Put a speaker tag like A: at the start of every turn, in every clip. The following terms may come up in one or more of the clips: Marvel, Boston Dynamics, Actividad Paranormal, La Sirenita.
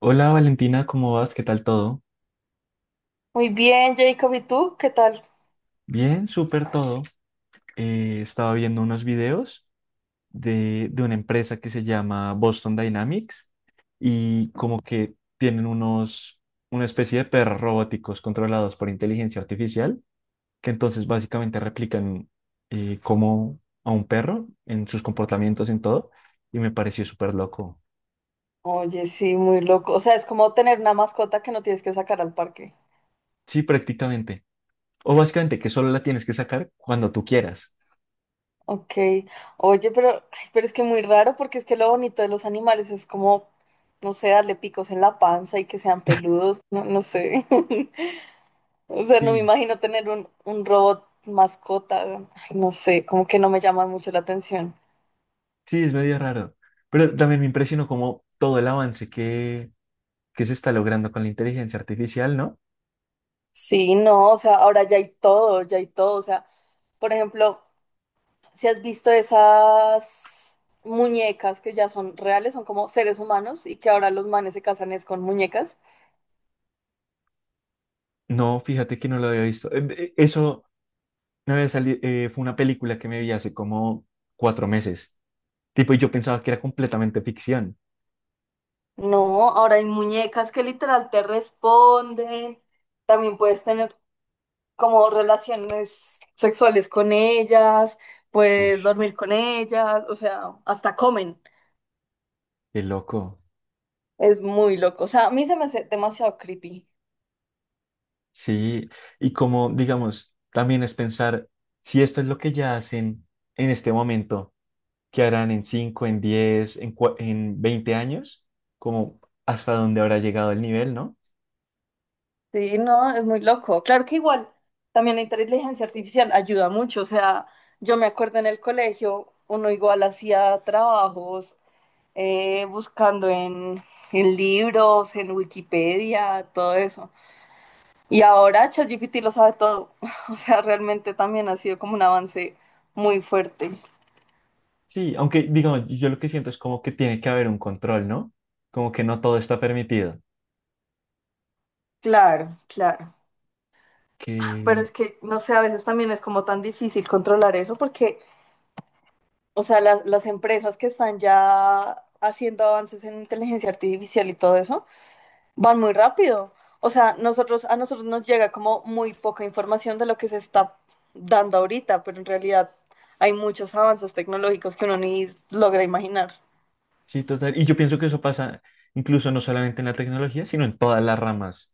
A: Hola Valentina, ¿cómo vas? ¿Qué tal todo?
B: Muy bien, Jacob, ¿y tú? ¿Qué tal?
A: Bien, súper todo. Estaba viendo unos videos de una empresa que se llama Boston Dynamics y como que tienen unos, una especie de perros robóticos controlados por inteligencia artificial que entonces básicamente replican como a un perro en sus comportamientos, en todo, y me pareció súper loco.
B: Oye, sí, muy loco. O sea, es como tener una mascota que no tienes que sacar al parque.
A: Sí, prácticamente. O básicamente que solo la tienes que sacar cuando tú quieras.
B: Ok. Oye, pero, ay, pero es que muy raro porque es que lo bonito de los animales es como, no sé, darle picos en la panza y que sean peludos. No, no sé. O sea, no me
A: Sí.
B: imagino tener un robot mascota. Ay, no sé, como que no me llama mucho la atención.
A: Sí, es medio raro. Pero también me impresionó como todo el avance que se está logrando con la inteligencia artificial, ¿no?
B: Sí, no, o sea, ahora ya hay todo, ya hay todo. O sea, por ejemplo. Si has visto esas muñecas que ya son reales, son como seres humanos y que ahora los manes se casan es con muñecas.
A: No, fíjate que no lo había visto. Eso me había salido, fue una película que me vi hace como 4 meses. Tipo, y yo pensaba que era completamente ficción.
B: No, ahora hay muñecas que literal te responden. También puedes tener como relaciones sexuales con ellas,
A: Uy,
B: puedes dormir con ellas, o sea, hasta comen.
A: qué loco.
B: Es muy loco. O sea, a mí se me hace demasiado creepy.
A: Sí, y como, digamos, también es pensar si esto es lo que ya hacen en este momento, ¿qué harán en 5, en 10, en, en 20 años? Como hasta dónde habrá llegado el nivel, ¿no?
B: Sí, no, es muy loco. Claro que igual, también la inteligencia artificial ayuda mucho. O sea, yo me acuerdo en el colegio, uno igual hacía trabajos buscando en libros, en Wikipedia, todo eso. Y ahora ChatGPT lo sabe todo. O sea, realmente también ha sido como un avance muy fuerte.
A: Sí, aunque digamos, yo lo que siento es como que tiene que haber un control, ¿no? Como que no todo está permitido.
B: Claro, claro. Pero
A: Que
B: es que, no sé, a veces también es como tan difícil controlar eso porque, o sea, las empresas que están ya haciendo avances en inteligencia artificial y todo eso, van muy rápido. O sea, nosotros, a nosotros nos llega como muy poca información de lo que se está dando ahorita, pero en realidad hay muchos avances tecnológicos que uno ni logra imaginar.
A: sí, total. Y yo pienso que eso pasa incluso no solamente en la tecnología, sino en todas las ramas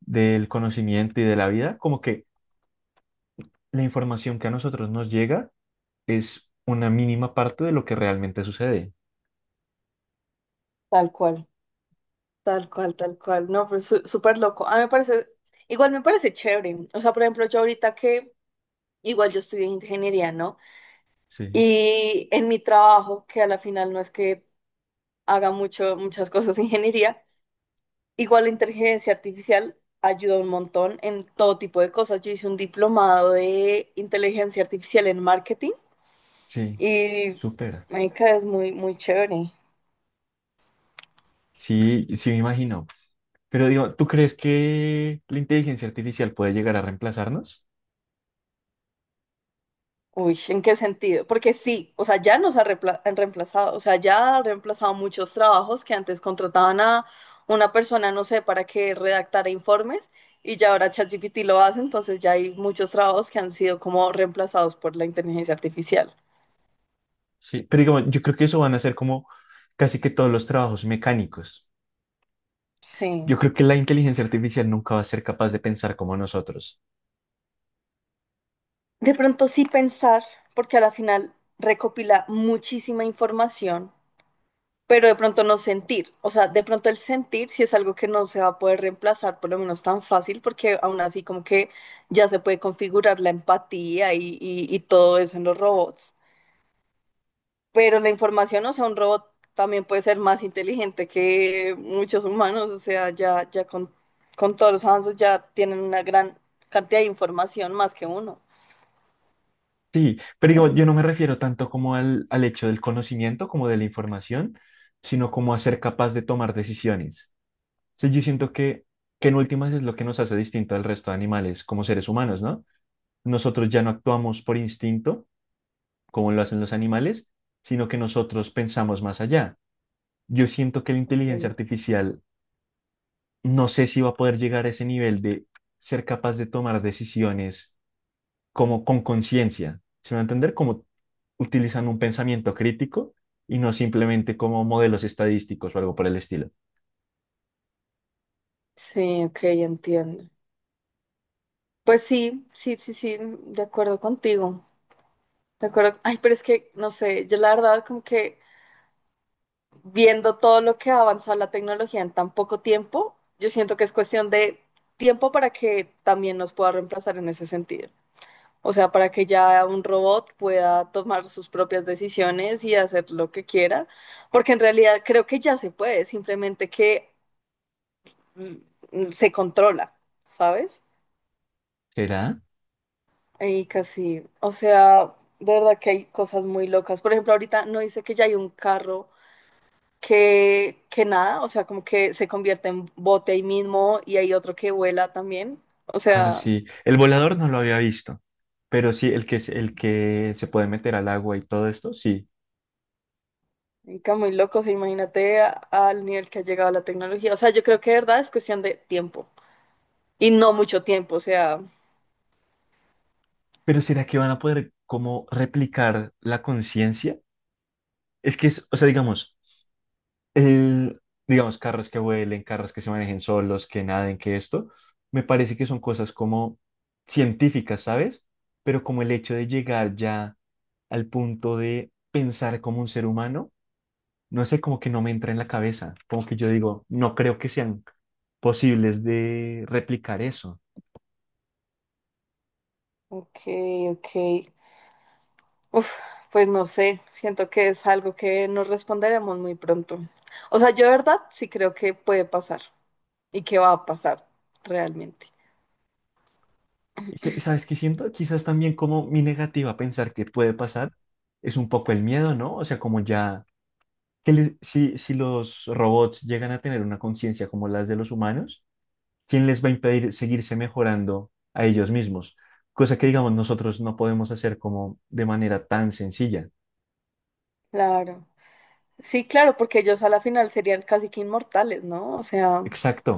A: del conocimiento y de la vida. Como que la información que a nosotros nos llega es una mínima parte de lo que realmente sucede.
B: Tal cual, tal cual, tal cual. No, pero súper loco. A mí me parece, igual me parece chévere. O sea, por ejemplo, yo ahorita que, igual yo estudié ingeniería, ¿no?
A: Sí,
B: Y en mi trabajo, que a la final no es que haga mucho, muchas cosas de ingeniería. Igual la inteligencia artificial ayuda un montón en todo tipo de cosas. Yo hice un diplomado de inteligencia artificial en marketing
A: sí,
B: y
A: súper.
B: marica, es muy, muy chévere.
A: Sí, sí me imagino. Pero digo, ¿tú crees que la inteligencia artificial puede llegar a reemplazarnos?
B: Uy, ¿en qué sentido? Porque sí, o sea, ya nos han reemplazado, o sea, ya ha reemplazado muchos trabajos que antes contrataban a una persona, no sé, para que redactara informes y ya ahora ChatGPT lo hace, entonces ya hay muchos trabajos que han sido como reemplazados por la inteligencia artificial.
A: Sí, pero digamos, yo creo que eso van a ser como casi que todos los trabajos mecánicos. Yo
B: Sí,
A: creo que la inteligencia artificial nunca va a ser capaz de pensar como nosotros.
B: de pronto sí pensar, porque a la final recopila muchísima información, pero de pronto no sentir. O sea, de pronto el sentir sí es algo que no se va a poder reemplazar, por lo menos tan fácil, porque aún así como que ya se puede configurar la empatía y todo eso en los robots. Pero la información, o sea, un robot también puede ser más inteligente que muchos humanos, o sea, ya con todos los avances ya tienen una gran cantidad de información más que uno.
A: Sí, pero digamos, yo no me refiero tanto como al hecho del conocimiento, como de la información, sino como a ser capaz de tomar decisiones. Sí, yo siento que en últimas es lo que nos hace distinto al resto de animales como seres humanos, ¿no? Nosotros ya no actuamos por instinto, como lo hacen los animales, sino que nosotros pensamos más allá. Yo siento que la inteligencia artificial no sé si va a poder llegar a ese nivel de ser capaz de tomar decisiones como con conciencia. ¿Se me va a entender? Como utilizando un pensamiento crítico y no simplemente como modelos estadísticos o algo por el estilo.
B: Sí, ok, entiendo. Pues sí, sí, sí, sí, de acuerdo contigo. De acuerdo. Ay, pero es que, no sé, yo la verdad como que viendo todo lo que ha avanzado la tecnología en tan poco tiempo, yo siento que es cuestión de tiempo para que también nos pueda reemplazar en ese sentido. O sea, para que ya un robot pueda tomar sus propias decisiones y hacer lo que quiera, porque en realidad creo que ya se puede, simplemente que mm, se controla, ¿sabes?
A: ¿Será?
B: Y casi, o sea, de verdad que hay cosas muy locas. Por ejemplo, ahorita no dice que ya hay un carro que nada, o sea, como que se convierte en bote ahí mismo y hay otro que vuela también. O
A: Ah,
B: sea,
A: sí. El volador no lo había visto, pero sí, el que se puede meter al agua y todo esto, sí.
B: está muy loco, o sea, imagínate al nivel que ha llegado la tecnología. O sea, yo creo que de verdad es cuestión de tiempo y no mucho tiempo, o sea,
A: Pero ¿será que van a poder como replicar la conciencia? Es que es, o sea, digamos. el, digamos, carros que vuelen, carros que se manejen solos, que naden, que esto, me parece que son cosas como científicas, ¿sabes? Pero como el hecho de llegar ya al punto de pensar como un ser humano, no sé, como que no me entra en la cabeza, como que yo digo, no creo que sean posibles de replicar eso.
B: ok, ok. Uf, pues no sé, siento que es algo que nos responderemos muy pronto. O sea, yo de verdad sí creo que puede pasar. ¿Y qué va a pasar realmente?
A: ¿Sabes qué siento? Quizás también como mi negativa a pensar que puede pasar es un poco el miedo, ¿no? O sea, como ya si, si los robots llegan a tener una conciencia como las de los humanos, ¿quién les va a impedir seguirse mejorando a ellos mismos? Cosa que, digamos, nosotros no podemos hacer como de manera tan sencilla.
B: Claro. Sí, claro, porque ellos a la final serían casi que inmortales, ¿no? O sea,
A: Exacto,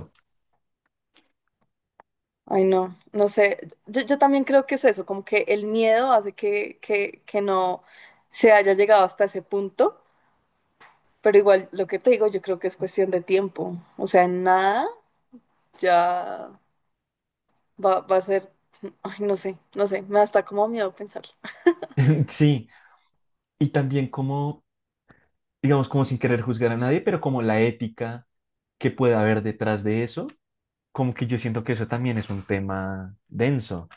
B: ay no, no sé. Yo también creo que es eso, como que el miedo hace que no se haya llegado hasta ese punto, pero igual lo que te digo, yo creo que es cuestión de tiempo. O sea, en nada ya va a ser, ay no sé, no sé, me da hasta como miedo pensarlo.
A: sí. Y también como, digamos, como sin querer juzgar a nadie, pero como la ética que pueda haber detrás de eso, como que yo siento que eso también es un tema denso.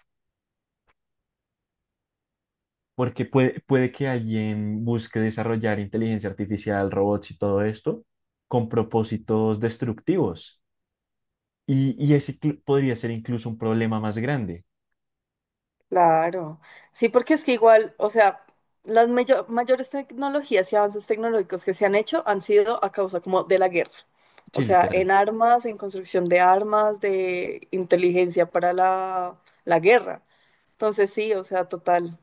A: Porque puede que alguien busque desarrollar inteligencia artificial, robots y todo esto con propósitos destructivos. Y ese podría ser incluso un problema más grande.
B: Claro, sí, porque es que igual, o sea, las mayores tecnologías y avances tecnológicos que se han hecho han sido a causa como de la guerra, o
A: Sí,
B: sea,
A: literal.
B: en armas, en construcción de armas, de inteligencia para la guerra. Entonces sí, o sea, total.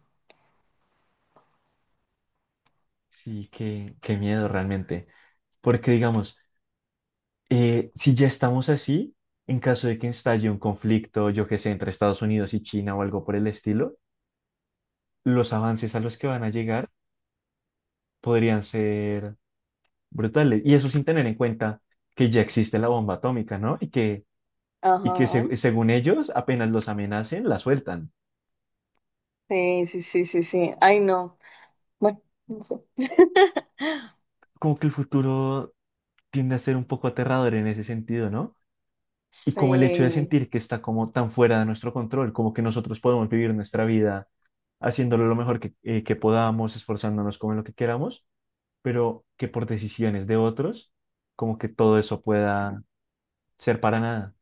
A: Sí, qué miedo realmente. Porque digamos, si ya estamos así, en caso de que estalle un conflicto, yo que sé, entre Estados Unidos y China o algo por el estilo, los avances a los que van a llegar podrían ser brutales. Y eso sin tener en cuenta que ya existe la bomba atómica, ¿no? Y que
B: Ajá.
A: se- según ellos, apenas los amenacen, la sueltan.
B: Sí, sí, sí, sí, sí. Ay, no. Bueno, no sé.
A: Como que el futuro tiende a ser un poco aterrador en ese sentido, ¿no? Y como el hecho de
B: Sí.
A: sentir que está como tan fuera de nuestro control, como que nosotros podemos vivir nuestra vida haciéndolo lo mejor que podamos, esforzándonos como en lo que queramos, pero que por decisiones de otros, como que todo eso pueda ser para nada.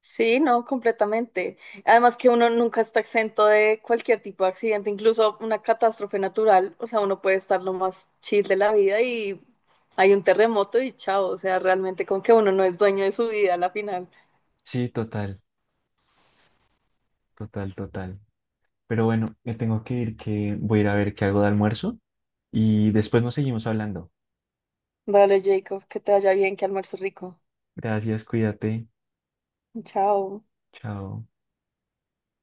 B: Sí, no, completamente. Además que uno nunca está exento de cualquier tipo de accidente, incluso una catástrofe natural. O sea, uno puede estar lo más chill de la vida y hay un terremoto y chao. O sea, realmente como que uno no es dueño de su vida a la final.
A: Sí, total, total, total. Pero bueno, me tengo que ir, que voy a ir a ver qué hago de almuerzo y después nos seguimos hablando.
B: Vale, Jacob, que te vaya bien, que almuerzo rico.
A: Gracias, cuídate.
B: Chao.
A: Chao.